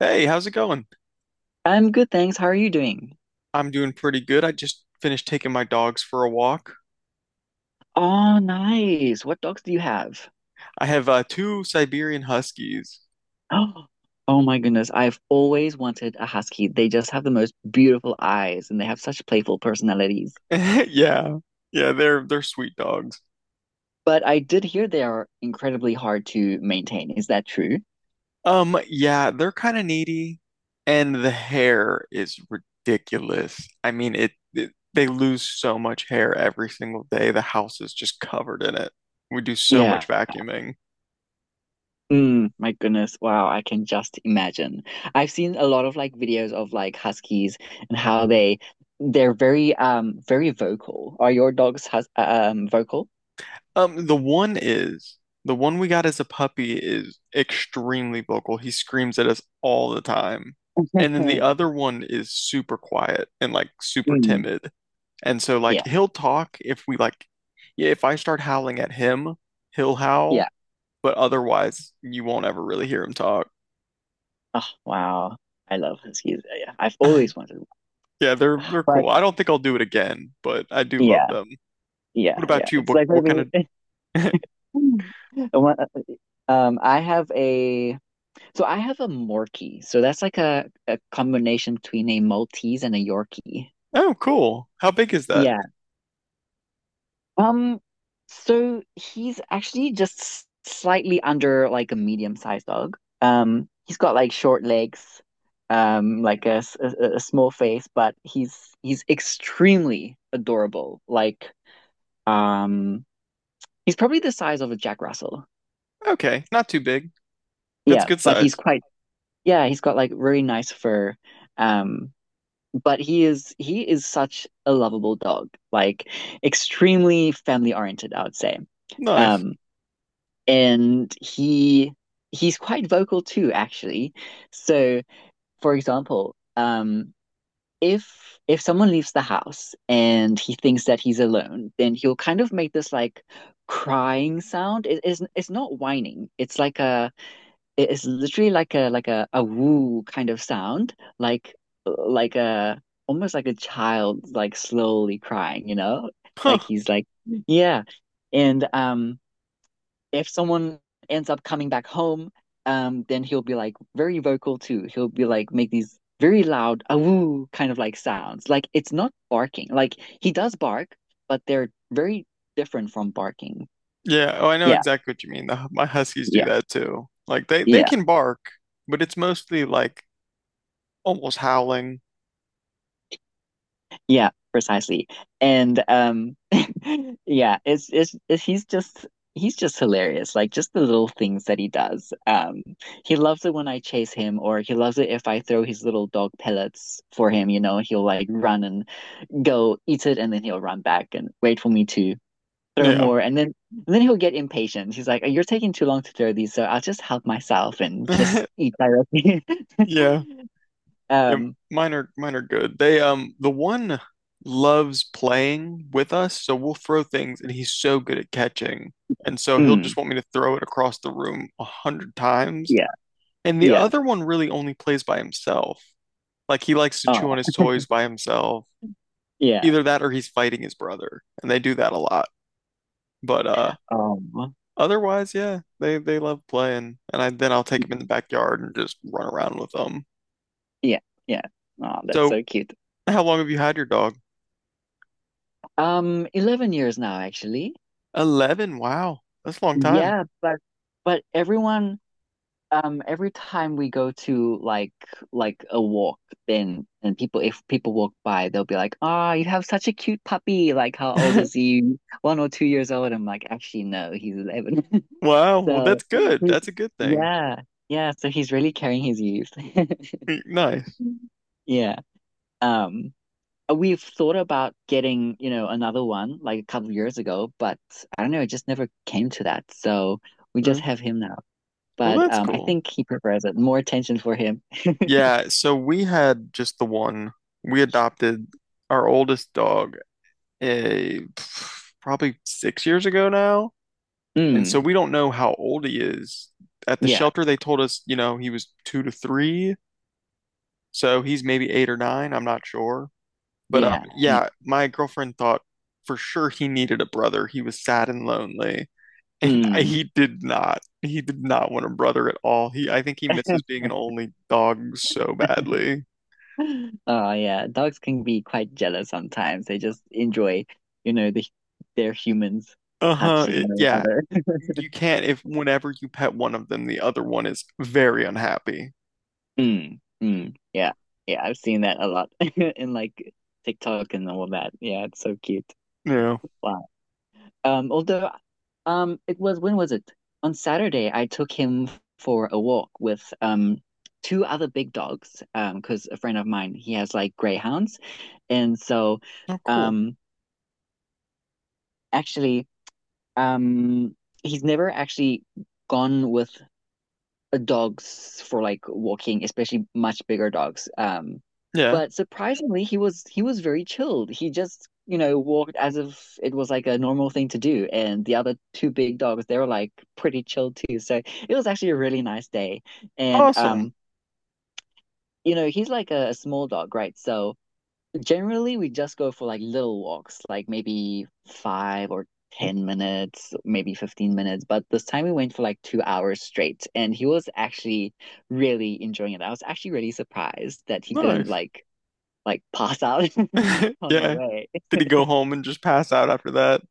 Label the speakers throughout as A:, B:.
A: Hey, how's it going?
B: I'm good, thanks. How are you doing?
A: I'm doing pretty good. I just finished taking my dogs for a walk.
B: Oh, nice. What dogs do you have?
A: I have two Siberian Huskies.
B: Oh, oh my goodness. I've always wanted a husky. They just have the most beautiful eyes and they have such playful personalities.
A: Yeah. Yeah, they're sweet dogs.
B: But I did hear they are incredibly hard to maintain. Is that true?
A: Yeah, they're kind of needy, and the hair is ridiculous. I mean, it, they lose so much hair every single day. The house is just covered in it. We do so
B: Yeah.
A: much vacuuming.
B: Mm, my goodness. Wow, I can just imagine. I've seen a lot of videos of huskies and how they're very very vocal. Are your dogs hus vocal?
A: Um, the one is the one we got as a puppy is extremely vocal. He screams at us all the time. And then the other one is super quiet and like super
B: Mm,
A: timid. And so
B: yeah.
A: like he'll talk if we like, yeah, if I start howling at him, he'll howl,
B: Yeah.
A: but otherwise you won't ever really hear him talk.
B: Oh wow. I love huskies. Yeah, yeah. I've always wanted one.
A: Yeah, they're
B: But
A: cool. I don't think I'll do it again, but I do love
B: yeah,
A: them.
B: yeah,
A: What
B: yeah.
A: about you?
B: It's
A: What
B: like
A: what kind
B: maybe
A: of
B: one- I have a I have a Morkie. So that's like a combination between a Maltese and a Yorkie.
A: Oh, cool. How big is that?
B: Um, so he's actually just slightly under like a medium-sized dog. He's got like short legs, like a small face, but he's extremely adorable. Um, he's probably the size of a Jack Russell.
A: Okay, not too big. That's a
B: Yeah,
A: good
B: but he's
A: size.
B: quite yeah, he's got like really nice fur. Um, but he is such a lovable dog, like extremely family-oriented, I would say.
A: Nice.
B: Um. And he He's quite vocal too, actually. So, for example, if if someone leaves the house and he thinks that he's alone, then he'll kind of make this like crying sound. It's not whining. It's like a it is literally like a woo kind of sound, like a almost like a child like slowly crying, you know?
A: Huh.
B: Like he's like Yeah. And if someone ends up coming back home, then he'll be like very vocal too. He'll be like make these very loud awoo kind of like sounds. Like it's not barking. Like he does bark, but they're very different from barking.
A: Yeah. Oh, I know
B: Yeah,
A: exactly what you mean. My huskies do
B: yeah,
A: that too. Like they
B: yeah,
A: can bark, but it's mostly like almost howling.
B: yeah, precisely. And yeah, it's he's just hilarious. Like just the little things that he does. He loves it when I chase him, or he loves it if I throw his little dog pellets for him. You know, he'll like run and go eat it and then he'll run back and wait for me to throw
A: Yeah.
B: more and then he'll get impatient. He's like, "You're taking too long to throw these, so I'll just help myself and just eat directly."
A: Yeah. Yeah.
B: um,
A: Mine are good. The one loves playing with us, so we'll throw things and he's so good at catching. And so he'll just
B: mm,
A: want me to throw it across the room 100 times.
B: yeah,
A: And the
B: yeah,
A: other one really only plays by himself. Like he likes to chew on
B: oh,
A: his toys by himself,
B: yeah,
A: either that or he's fighting his brother, and they do that a lot. But
B: um,
A: otherwise, yeah, they love playing, and I then I'll take him in the backyard and just run around with them.
B: yeah, yeah. Oh, that's
A: So,
B: so cute.
A: how long have you had your dog?
B: 11 years now, actually.
A: 11. Wow. That's a long time.
B: Yeah, but everyone every time we go to like a walk then and people, if people walk by, they'll be like, ah, you have such a cute puppy, like how old is he, 1 or 2 years old? I'm like, actually no, he's 11.
A: Wow. Well,
B: so
A: that's good.
B: he's
A: That's a good thing.
B: Yeah, yeah, so he's really carrying his youth.
A: Nice.
B: Yeah. um we've thought about getting, you know, another one like a couple of years ago, but I don't know, it just never came to that. So we
A: Yeah.
B: just have him now,
A: Well,
B: but
A: that's
B: I
A: cool.
B: think he prefers it. More attention for him.
A: Yeah, so we had just the one. We adopted our oldest dog a probably 6 years ago now. And so
B: Mm,
A: we don't know how old he is. At the
B: yeah,
A: shelter, they told us, he was two to three. So he's maybe eight or nine. I'm not sure. But
B: yeah.
A: yeah, my girlfriend thought for sure he needed a brother. He was sad and lonely. And I,
B: Mm.
A: he did not. He did not want a brother at all. I think he misses being an only dog so badly.
B: Oh yeah, dogs can be quite jealous sometimes. They just enjoy, the their humans'
A: Uh-huh.
B: touch and no
A: Yeah.
B: other.
A: You can't, if whenever you pet one of them, the other one is very unhappy.
B: Mm, mm, yeah, yeah. I've seen that a lot in like TikTok and all that. Yeah, it's so cute.
A: Yeah.
B: Wow. Although, it was, when was it? On Saturday, I took him for a walk with two other big dogs. Because a friend of mine, he has like greyhounds, and so,
A: Oh, cool.
B: um, actually, um, he's never actually gone with dogs for like walking, especially much bigger dogs.
A: Yeah.
B: But surprisingly, he was very chilled. He just, you know, walked as if it was like a normal thing to do. And the other two big dogs, they were like pretty chilled too. So it was actually a really nice day. And
A: Awesome.
B: you know, he's like a small dog, right? So generally, we just go for like little walks, like maybe 5 or 10 minutes, maybe 15 minutes. But this time we went for like 2 hours straight, and he was actually really enjoying it. I was actually really surprised that he didn't
A: Nice.
B: like pass out on the
A: Yeah.
B: way.
A: Did he go home and just pass out after that?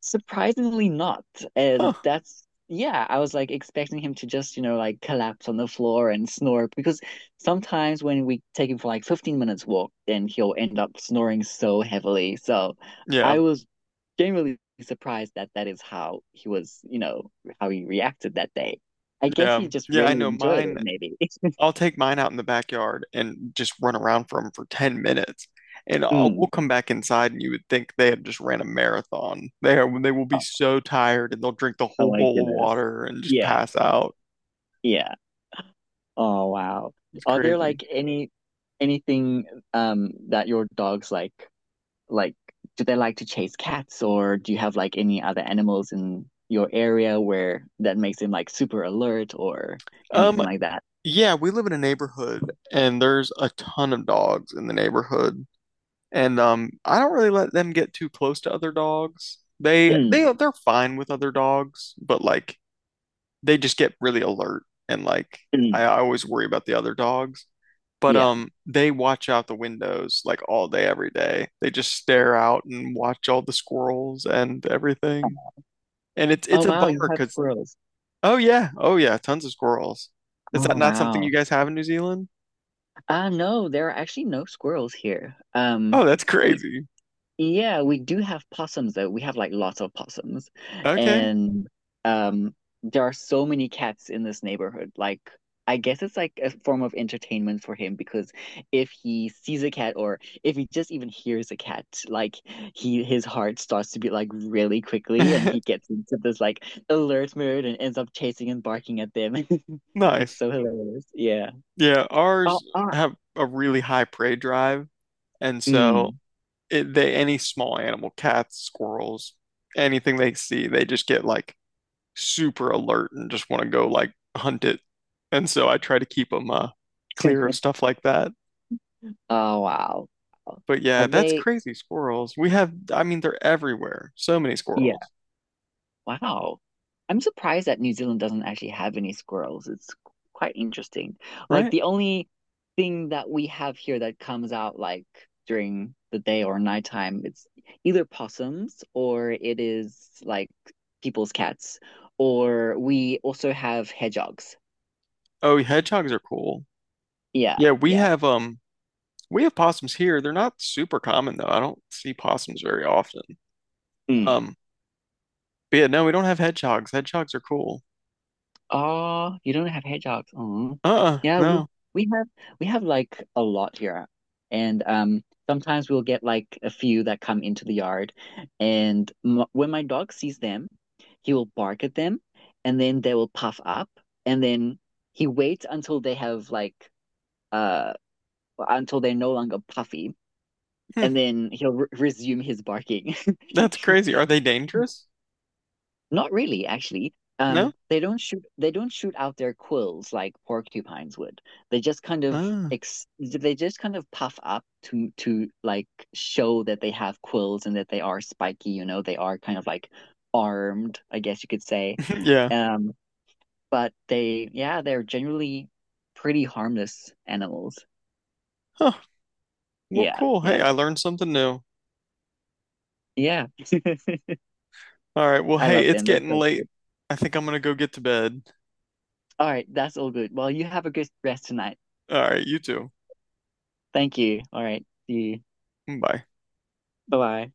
B: Surprisingly not. And
A: Huh.
B: that's, yeah, I was like expecting him to just, you know, like collapse on the floor and snore, because sometimes when we take him for like 15 minutes walk, then he'll end up snoring so heavily. So
A: Yeah.
B: I was genuinely surprised that that is how he was, you know, how he reacted that day. I guess he
A: Yeah.
B: just
A: Yeah, I
B: really
A: know
B: enjoyed it,
A: mine.
B: maybe.
A: I'll take mine out in the backyard and just run around for him for 10 minutes. We'll
B: Mm.
A: come back inside and you would think they have just ran a marathon. They will be
B: Oh,
A: so tired, and they'll drink the whole
B: oh my
A: bowl of
B: goodness.
A: water and just
B: Yeah.
A: pass out.
B: Yeah. Oh wow.
A: It's
B: Are there
A: crazy.
B: like any anything that your dogs like like do they like to chase cats, or do you have like any other animals in your area where that makes them like super alert or
A: Um,
B: anything like that?
A: yeah, we live in a neighborhood and there's a ton of dogs in the neighborhood. And I don't really let them get too close to other dogs. They they
B: Mm,
A: they're fine with other dogs, but like they just get really alert and like I,
B: mm,
A: I always worry about the other dogs. But
B: yeah.
A: they watch out the windows like all day every day. They just stare out and watch all the squirrels and everything. And it's
B: Oh
A: it's a
B: wow, you
A: bummer
B: have
A: because,
B: squirrels.
A: oh yeah, oh yeah, tons of squirrels. Is that
B: Oh
A: not something you
B: wow.
A: guys have in New Zealand?
B: No, there are actually no squirrels here.
A: Oh, that's
B: We
A: crazy.
B: yeah, we do have possums though. We have like lots of possums.
A: Okay.
B: And um there are so many cats in this neighborhood. Like I guess it's like a form of entertainment for him, because if he sees a cat, or if he just even hears a cat, like he, his heart starts to beat like really quickly and he gets into this like alert mode and ends up chasing and barking at them. It's
A: Nice.
B: so hilarious. Yeah.
A: Yeah,
B: Oh,
A: ours
B: ah.
A: have a really high prey drive, and so
B: Mm.
A: they any small animal, cats, squirrels, anything they see, they just get like super alert and just want to go like hunt it. And so I try to keep them clear of stuff like that.
B: Oh, wow.
A: But yeah,
B: Have
A: that's
B: they?
A: crazy squirrels. We have, I mean, they're everywhere. So many squirrels,
B: Wow. I'm surprised that New Zealand doesn't actually have any squirrels. It's quite interesting. Like
A: right?
B: the only thing that we have here that comes out like during the day or nighttime, it's either possums or it is like people's cats, or we also have hedgehogs.
A: Oh, hedgehogs are cool.
B: Yeah,
A: Yeah, we
B: yeah.
A: have um we have possums here. They're not super common though. I don't see possums very often.
B: Mm.
A: Um But yeah, no, we don't have hedgehogs. Hedgehogs are cool.
B: Oh, you don't have hedgehogs. Oh,
A: Uh-uh,
B: yeah.
A: no.
B: We have we have like a lot here, and sometimes we'll get like a few that come into the yard, and m when my dog sees them, he will bark at them, and then they will puff up, and then he waits until they have like uh until they're no longer puffy,
A: Hmm,
B: and then he'll re resume his barking.
A: that's crazy. Are they dangerous?
B: Not really, actually.
A: No?
B: They don't shoot out their quills like porcupines would. They just kind of
A: Ah,
B: ex they just kind of puff up to like show that they have quills and that they are spiky, you know, they are kind of like armed, I guess you could say.
A: yeah.
B: Um, but they, yeah, they're generally pretty harmless animals.
A: Huh. Well,
B: Yeah,
A: cool.
B: yeah.
A: Hey, I learned something new.
B: Yeah.
A: All right. Well,
B: I
A: hey,
B: love
A: it's
B: them. They're
A: getting
B: so
A: late.
B: cute.
A: I think I'm gonna go get to bed.
B: All right, that's all good. Well, you have a good rest tonight.
A: All right, you too.
B: Thank you. All right. See you.
A: Bye.
B: Bye-bye.